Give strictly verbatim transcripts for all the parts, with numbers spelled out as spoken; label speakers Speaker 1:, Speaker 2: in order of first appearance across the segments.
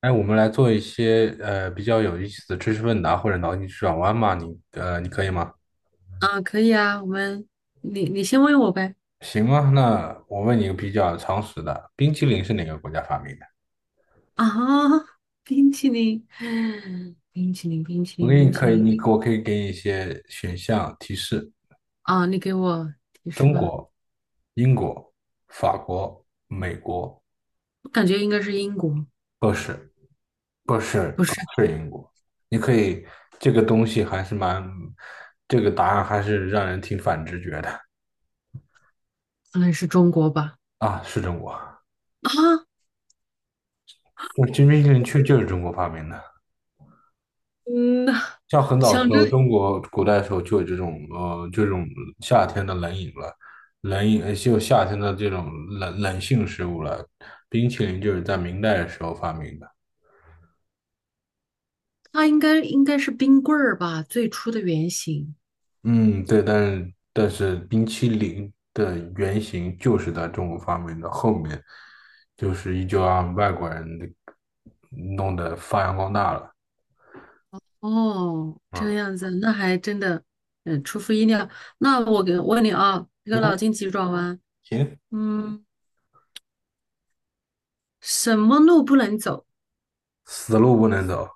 Speaker 1: 哎，我们来做一些呃比较有意思的知识问答或者脑筋急转弯嘛，你呃你可以吗？
Speaker 2: 啊，可以啊，我们你你先问我呗。
Speaker 1: 行啊，那我问你一个比较常识的，冰淇淋是哪个国家发明的？
Speaker 2: 啊，冰淇淋，冰淇淋，冰淇
Speaker 1: 我
Speaker 2: 淋，
Speaker 1: 给你
Speaker 2: 冰淇
Speaker 1: 可以，
Speaker 2: 淋。
Speaker 1: 你我可以给你一些选项提示：
Speaker 2: 啊，你给我提示
Speaker 1: 中
Speaker 2: 吧。
Speaker 1: 国、英国、法国、美国，
Speaker 2: 我感觉应该是英国，
Speaker 1: 不是不是
Speaker 2: 不
Speaker 1: 不
Speaker 2: 是，
Speaker 1: 是英国。你可以，这个东西还是蛮，这个答案还是让人挺反直觉的。
Speaker 2: 可能是中国吧。
Speaker 1: 啊，是中国。
Speaker 2: 啊，
Speaker 1: 这冰淇淋确就是中国发明的。
Speaker 2: 嗯，
Speaker 1: 像很早的
Speaker 2: 想
Speaker 1: 时
Speaker 2: 着
Speaker 1: 候，中国古代的时候就有这种呃这种夏天的冷饮了，冷饮呃就有夏天的这种冷冷性食物了。冰淇淋就是在明代的时候发明的。
Speaker 2: 它应该应该是冰棍儿吧，最初的原型。
Speaker 1: 嗯，对，但是但是冰淇淋的原型就是在中国发明的，后面就是依旧让外国人的弄得发扬光大了。
Speaker 2: 哦，
Speaker 1: 嗯，
Speaker 2: 这样子，那还真的，嗯，出乎意料。那我给问你啊，这
Speaker 1: 你
Speaker 2: 个脑
Speaker 1: 看，
Speaker 2: 筋急转弯，
Speaker 1: 行，
Speaker 2: 嗯，什么路不能走？
Speaker 1: 死路不能走。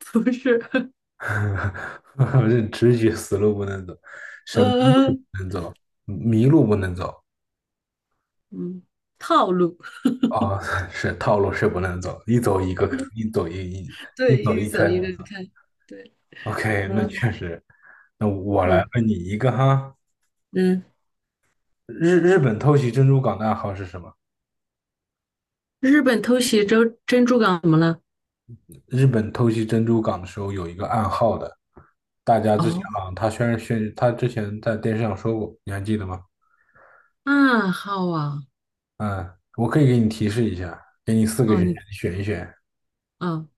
Speaker 2: 不是，
Speaker 1: 这直觉死路不能走，什么
Speaker 2: 呃，
Speaker 1: 路不能走，迷路不能走
Speaker 2: 嗯，套路，
Speaker 1: 啊、是套路是不能走，一走一个，一走一一 一
Speaker 2: 对，
Speaker 1: 走
Speaker 2: 一
Speaker 1: 一
Speaker 2: 个
Speaker 1: 开
Speaker 2: 走一
Speaker 1: 我
Speaker 2: 个
Speaker 1: 操。
Speaker 2: 看，对，
Speaker 1: OK，那
Speaker 2: 呃，
Speaker 1: 确实，那我来
Speaker 2: 嗯
Speaker 1: 问你一个哈，
Speaker 2: 嗯，
Speaker 1: 日日本偷袭珍珠港的暗号是什么？
Speaker 2: 日本偷袭珍珍珠港怎么了？
Speaker 1: 日本偷袭珍珠港的时候有一个暗号的，大家之前
Speaker 2: 哦，
Speaker 1: 好像他虽然宣他之前在电视上说过，你还记得吗？
Speaker 2: 暗号啊，
Speaker 1: 嗯，我可以给你提示一下，给你四个
Speaker 2: 哦，
Speaker 1: 选项，
Speaker 2: 你，
Speaker 1: 你选一选。
Speaker 2: 啊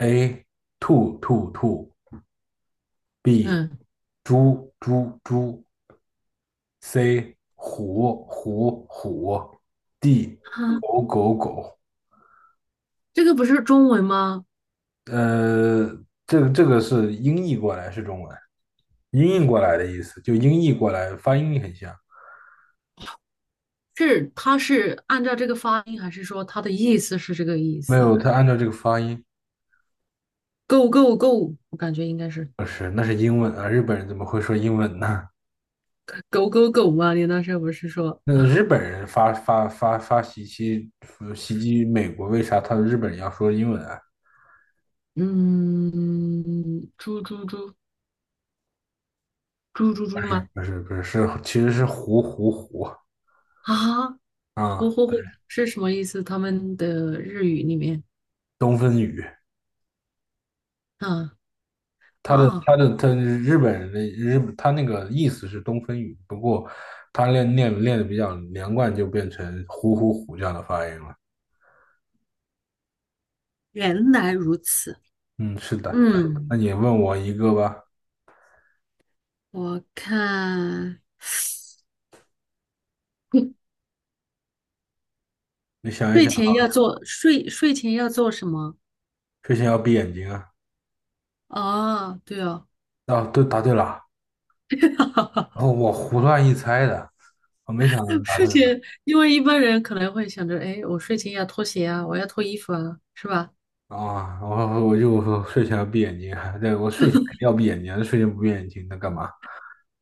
Speaker 1: A 兔兔兔，B
Speaker 2: 嗯，
Speaker 1: 猪猪猪，C 虎虎虎，D
Speaker 2: 啊，
Speaker 1: 狗狗狗。
Speaker 2: 这个不是中文吗？
Speaker 1: 呃，这个这个是音译过来是中文，音译过来的意思，就音译过来发音很像。
Speaker 2: 是，它是按照这个发音，还是说它的意思是这个意
Speaker 1: 没
Speaker 2: 思
Speaker 1: 有，他按照这个发音，
Speaker 2: ？Go go go，我感觉应该是
Speaker 1: 不是，那是英文啊，日本人怎么会说英文呢？
Speaker 2: 狗狗狗嘛。你那时候不是说，
Speaker 1: 那日本人发发发发袭击袭击美国，为啥他日本人要说英文啊？
Speaker 2: 嗯，猪猪猪猪猪猪吗？
Speaker 1: 不是不是是其实是胡胡胡
Speaker 2: 啊，呼
Speaker 1: 啊，
Speaker 2: 呼呼是什么意思？他们的日语里面
Speaker 1: 东风雨。
Speaker 2: 啊，
Speaker 1: 他的
Speaker 2: 啊，
Speaker 1: 他的他，日本人的日他那个意思是东风雨，不过他练练练的比较连贯，就变成虎虎虎这样的发音了。
Speaker 2: 原来如此。
Speaker 1: 嗯，是的。那
Speaker 2: 嗯，
Speaker 1: 你问我一个吧，
Speaker 2: 我看
Speaker 1: 你想一
Speaker 2: 睡
Speaker 1: 想，
Speaker 2: 前要做睡睡前要做什么？
Speaker 1: 睡前要闭眼睛啊？
Speaker 2: 啊，对哦，
Speaker 1: 啊，对，答对了。哦，我胡乱一猜的，我没想到能答
Speaker 2: 睡
Speaker 1: 对的
Speaker 2: 前，因为一般人可能会想着，哎，我睡前要脱鞋啊，我要脱衣服啊，是吧？
Speaker 1: 啊！我我就说睡前要闭眼睛啊，对，我睡前肯定要闭眼睛，睡前不闭眼睛那干嘛？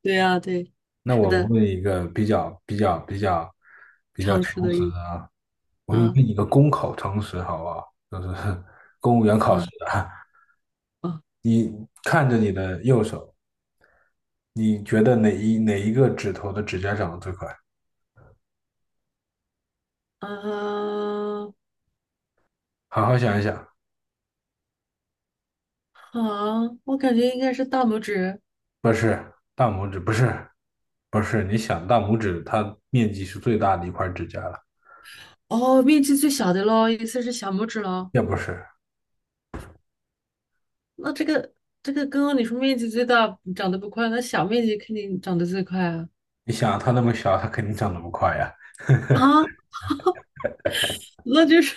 Speaker 2: 对啊，对，
Speaker 1: 那
Speaker 2: 是
Speaker 1: 我
Speaker 2: 的，
Speaker 1: 问一个比较比较比较比较
Speaker 2: 常
Speaker 1: 诚
Speaker 2: 识的
Speaker 1: 实
Speaker 2: 意
Speaker 1: 的
Speaker 2: 思
Speaker 1: 啊，我给你
Speaker 2: 啊，
Speaker 1: 问一个公考诚实好不好？就是 公务员考试
Speaker 2: 啊，
Speaker 1: 的啊，
Speaker 2: 啊，
Speaker 1: 你看着你的右手，你觉得哪一哪一个指头的指甲长得最快？
Speaker 2: 啊，
Speaker 1: 好好想一想，
Speaker 2: 好，我感觉应该是大拇指。
Speaker 1: 不是大拇指，不是不是，你想大拇指它面积是最大的一块指甲了，
Speaker 2: 哦，面积最小的咯，意思是小拇指咯。
Speaker 1: 也不是，
Speaker 2: 那这个这个刚刚你说面积最大长得不快，那小面积肯定长得最快啊。
Speaker 1: 你想它那么小，它肯定长得不快呀。
Speaker 2: 啊，那就是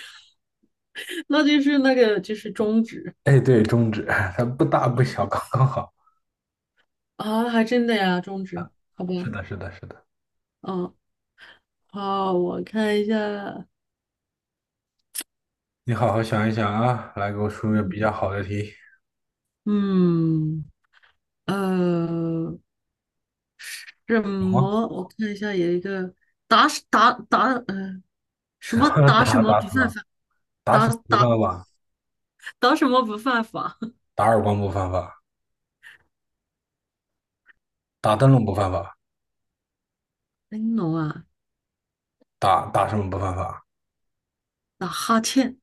Speaker 2: 那就是那个就是中指。
Speaker 1: 哎，对，中指，它不大不小，刚刚好。
Speaker 2: 啊，还真的呀，中指，好吧，
Speaker 1: 是的，是的，是的。
Speaker 2: 嗯，好，我看一下，
Speaker 1: 你好好想一想啊，来给我出个比较好的题。
Speaker 2: 嗯，呃，什
Speaker 1: 有吗？
Speaker 2: 么？我看一下，有一个打什打打，嗯，什么 打什
Speaker 1: 打
Speaker 2: 么
Speaker 1: 打
Speaker 2: 不
Speaker 1: 什
Speaker 2: 犯
Speaker 1: 么？
Speaker 2: 法，
Speaker 1: 打
Speaker 2: 打
Speaker 1: 什么不
Speaker 2: 打
Speaker 1: 犯法？
Speaker 2: 打什么不犯法？
Speaker 1: 打耳光不犯法，打灯笼不犯法，
Speaker 2: 哎，侬啊，
Speaker 1: 打打什么不犯法？
Speaker 2: 打哈欠。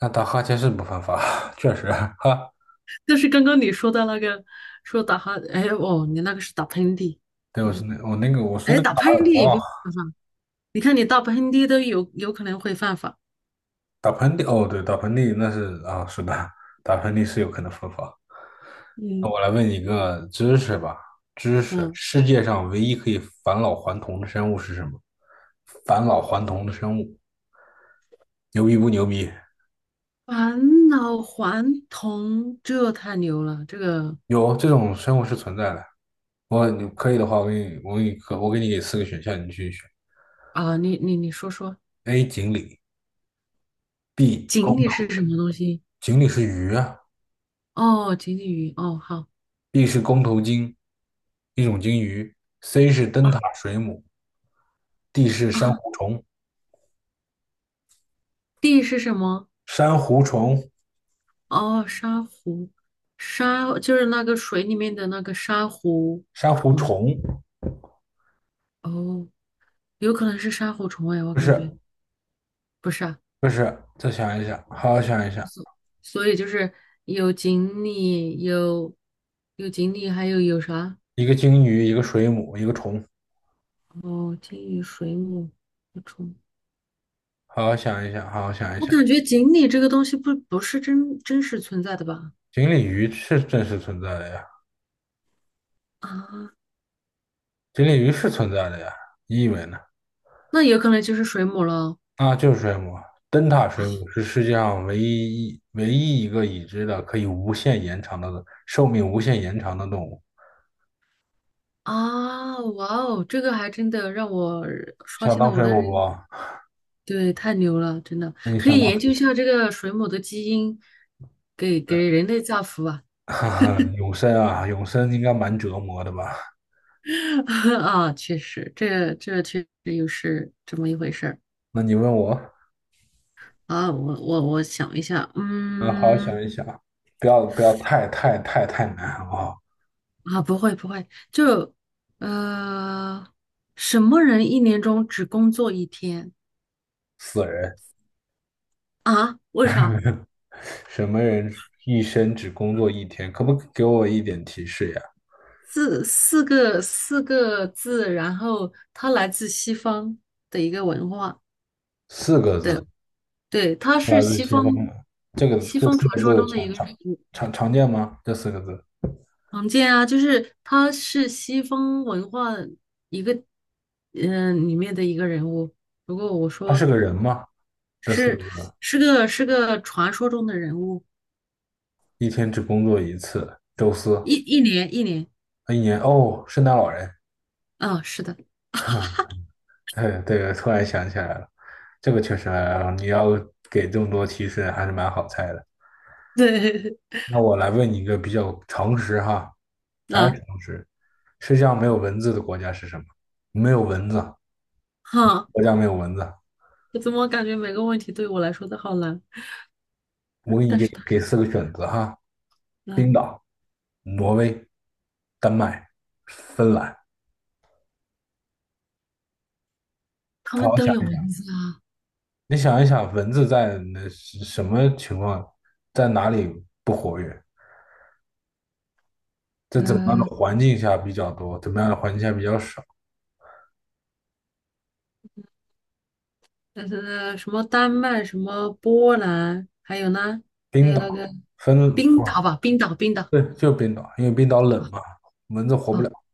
Speaker 1: 那打哈欠是不犯法，确实啊哈。
Speaker 2: 就是刚刚你说的那个，说打哈，哎哦，你那个是打喷嚏，
Speaker 1: 对，
Speaker 2: 可
Speaker 1: 我是
Speaker 2: 能
Speaker 1: 那我那个我是
Speaker 2: 哎，
Speaker 1: 那个
Speaker 2: 打
Speaker 1: 打
Speaker 2: 喷
Speaker 1: 耳
Speaker 2: 嚏
Speaker 1: 光，
Speaker 2: 也不犯法，你看你打喷嚏都有有可能会犯法，
Speaker 1: 打喷嚏哦，对，打喷嚏那是啊，是的，打喷嚏是有可能犯法。那
Speaker 2: 嗯，
Speaker 1: 我来问你一个知识吧，知识，
Speaker 2: 嗯，
Speaker 1: 世界上唯一可以返老还童的生物是什么？返老还童的生物，牛逼不牛逼？
Speaker 2: 返老还童，这太牛了，这个
Speaker 1: 有这种生物是存在的。我你可以的话，我给你，我给你，我给你给四个选项，你去选。
Speaker 2: 啊，你你你说说，
Speaker 1: A. 锦鲤，B.
Speaker 2: 锦
Speaker 1: 公
Speaker 2: 鲤是
Speaker 1: 头，
Speaker 2: 什么东西？
Speaker 1: 锦鲤是鱼啊
Speaker 2: 哦，锦鲤鱼，哦好。
Speaker 1: ，B 是公头鲸，一种鲸鱼，C 是灯
Speaker 2: 啊，
Speaker 1: 塔水母，D 是珊
Speaker 2: 啊，
Speaker 1: 瑚虫，
Speaker 2: 地是什么？
Speaker 1: 珊瑚虫，
Speaker 2: 哦，珊瑚，沙就是那个水里面的那个珊瑚
Speaker 1: 珊瑚
Speaker 2: 虫，
Speaker 1: 虫，
Speaker 2: 哦，有可能是珊瑚虫哎，我
Speaker 1: 不
Speaker 2: 感觉。
Speaker 1: 是
Speaker 2: 不是啊，
Speaker 1: 不是，再想一想，好好想一想，
Speaker 2: 所以就是有锦鲤，有有锦鲤，还有有啥？
Speaker 1: 一个鲸鱼，一个水母，一个虫，
Speaker 2: 哦，金鱼、水母、不虫。
Speaker 1: 好好想一想，好好想一
Speaker 2: 我
Speaker 1: 想。
Speaker 2: 感觉锦鲤这个东西不不是真真实存在的吧？
Speaker 1: 锦鲤鱼是真实存在的呀，
Speaker 2: 啊，
Speaker 1: 锦鲤鱼是存在的呀，你以为呢？
Speaker 2: 那有可能就是水母了。
Speaker 1: 啊，就是水母，灯塔水母是世界上唯一一唯一一个已知的可以无限延长的寿命无限延长的动物。
Speaker 2: 啊！哇哦，这个还真的让我刷
Speaker 1: 想
Speaker 2: 新了
Speaker 1: 当
Speaker 2: 我
Speaker 1: 水
Speaker 2: 的
Speaker 1: 母
Speaker 2: 认。
Speaker 1: 不？
Speaker 2: 对，太牛了，真的
Speaker 1: 那你
Speaker 2: 可
Speaker 1: 想
Speaker 2: 以
Speaker 1: 当，
Speaker 2: 研究一下这个水母的基因，给给人类造福啊！
Speaker 1: 哈哈，永生啊，永生应该蛮折磨的吧？
Speaker 2: 啊，确实，这这确实又是这么一回事儿。
Speaker 1: 那你问我，
Speaker 2: 啊，我我我想一下，
Speaker 1: 嗯，好好想
Speaker 2: 嗯，
Speaker 1: 一想，不要不要太太太太难，好不好？
Speaker 2: 啊，不会不会，就呃，什么人一年中只工作一天。
Speaker 1: 死人，
Speaker 2: 啊？为啥？
Speaker 1: 什么人一生只工作一天？可不可以给我一点提示呀？
Speaker 2: 四四个四个字，然后它来自西方的一个文化，
Speaker 1: 四个
Speaker 2: 对
Speaker 1: 字，
Speaker 2: 对，他是
Speaker 1: 来自
Speaker 2: 西
Speaker 1: 西
Speaker 2: 方
Speaker 1: 方的，这个
Speaker 2: 西
Speaker 1: 这
Speaker 2: 方
Speaker 1: 四
Speaker 2: 传
Speaker 1: 个
Speaker 2: 说
Speaker 1: 字
Speaker 2: 中的一
Speaker 1: 常
Speaker 2: 个人
Speaker 1: 常
Speaker 2: 物，
Speaker 1: 常常见吗？这四个字，
Speaker 2: 常见啊，就是他是西方文化一个嗯、呃里面的一个人物。如果我
Speaker 1: 他是
Speaker 2: 说。
Speaker 1: 个人吗？这四个
Speaker 2: 是
Speaker 1: 字，
Speaker 2: 是个是个传说中的人物，
Speaker 1: 一天只工作一次，周四，
Speaker 2: 一一年，一年。
Speaker 1: 一年哦，圣诞老人。
Speaker 2: 啊，是的，
Speaker 1: 对对，突然想起来了，这个确实啊，你要给这么多提示还是蛮好猜的。
Speaker 2: 对。
Speaker 1: 那我来问你一个比较常识哈，还是
Speaker 2: 啊，
Speaker 1: 常识。世界上没有蚊子的国家是什么？没有蚊子，
Speaker 2: 哈，
Speaker 1: 国家没有蚊子。
Speaker 2: 我怎么感觉每个问题对我来说都好难？
Speaker 1: 我给你
Speaker 2: 但是
Speaker 1: 给
Speaker 2: 它
Speaker 1: 给
Speaker 2: 是这
Speaker 1: 四个选择哈：
Speaker 2: 样啊，
Speaker 1: 冰岛、挪威、丹麦、芬兰。
Speaker 2: 他
Speaker 1: 好
Speaker 2: 们
Speaker 1: 好
Speaker 2: 都
Speaker 1: 想
Speaker 2: 有
Speaker 1: 一想，
Speaker 2: 文字啊，
Speaker 1: 你想一想，蚊子在那是什么情况，在哪里不活跃？在怎么样的
Speaker 2: 呃，
Speaker 1: 环境下比较多？怎么样的环境下比较少？
Speaker 2: 呃，呃什么丹麦，什么波兰，还有呢，还
Speaker 1: 冰
Speaker 2: 有
Speaker 1: 岛、
Speaker 2: 那个
Speaker 1: 芬，
Speaker 2: 冰岛
Speaker 1: 哇，
Speaker 2: 吧，冰岛，冰岛，
Speaker 1: 对，就是冰岛，因为冰岛冷嘛，蚊子活不了。
Speaker 2: 啊，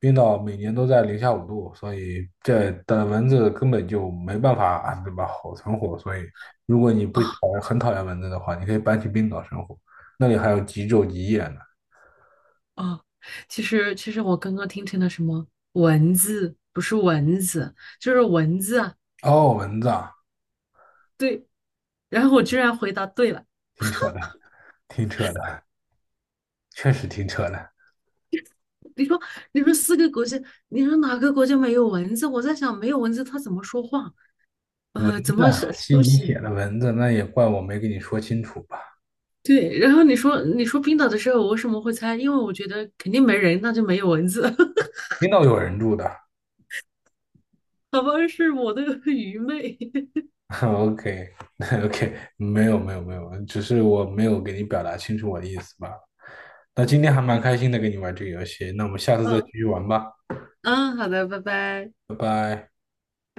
Speaker 1: 冰岛每年都在零下五度，所以这的蚊子根本就没办法，啊对吧？好存活。所以，如果你不讨
Speaker 2: 啊，
Speaker 1: 厌很讨厌蚊子的话，你可以搬去冰岛生活，那里还有极昼极夜呢。
Speaker 2: 啊！其实其实我刚刚听成了什么文字，不是蚊子，就是蚊子啊，
Speaker 1: 哦，蚊子啊，
Speaker 2: 对，然后我居然回答对了。
Speaker 1: 挺扯的，挺扯的，确实挺扯的。
Speaker 2: 你说，你说四个国家，你说哪个国家没有蚊子？我在想，没有蚊子它怎么说话？呃，怎么
Speaker 1: 那
Speaker 2: 是
Speaker 1: 吸
Speaker 2: 休
Speaker 1: 你
Speaker 2: 息？
Speaker 1: 血的蚊子，那也怪我没跟你说清楚吧？
Speaker 2: 对，然后你说，你说冰岛的时候，我为什么会猜？因为我觉得肯定没人，那就没有蚊子。
Speaker 1: 冰岛有人住的，
Speaker 2: 好吧，是我的 愚昧。
Speaker 1: OK OK，没有没有没有，只是我没有给你表达清楚我的意思吧？那今天还蛮开心的跟你玩这个游戏，那我们下次再继
Speaker 2: 嗯
Speaker 1: 续玩吧，
Speaker 2: 嗯，好的，拜拜。
Speaker 1: 拜拜。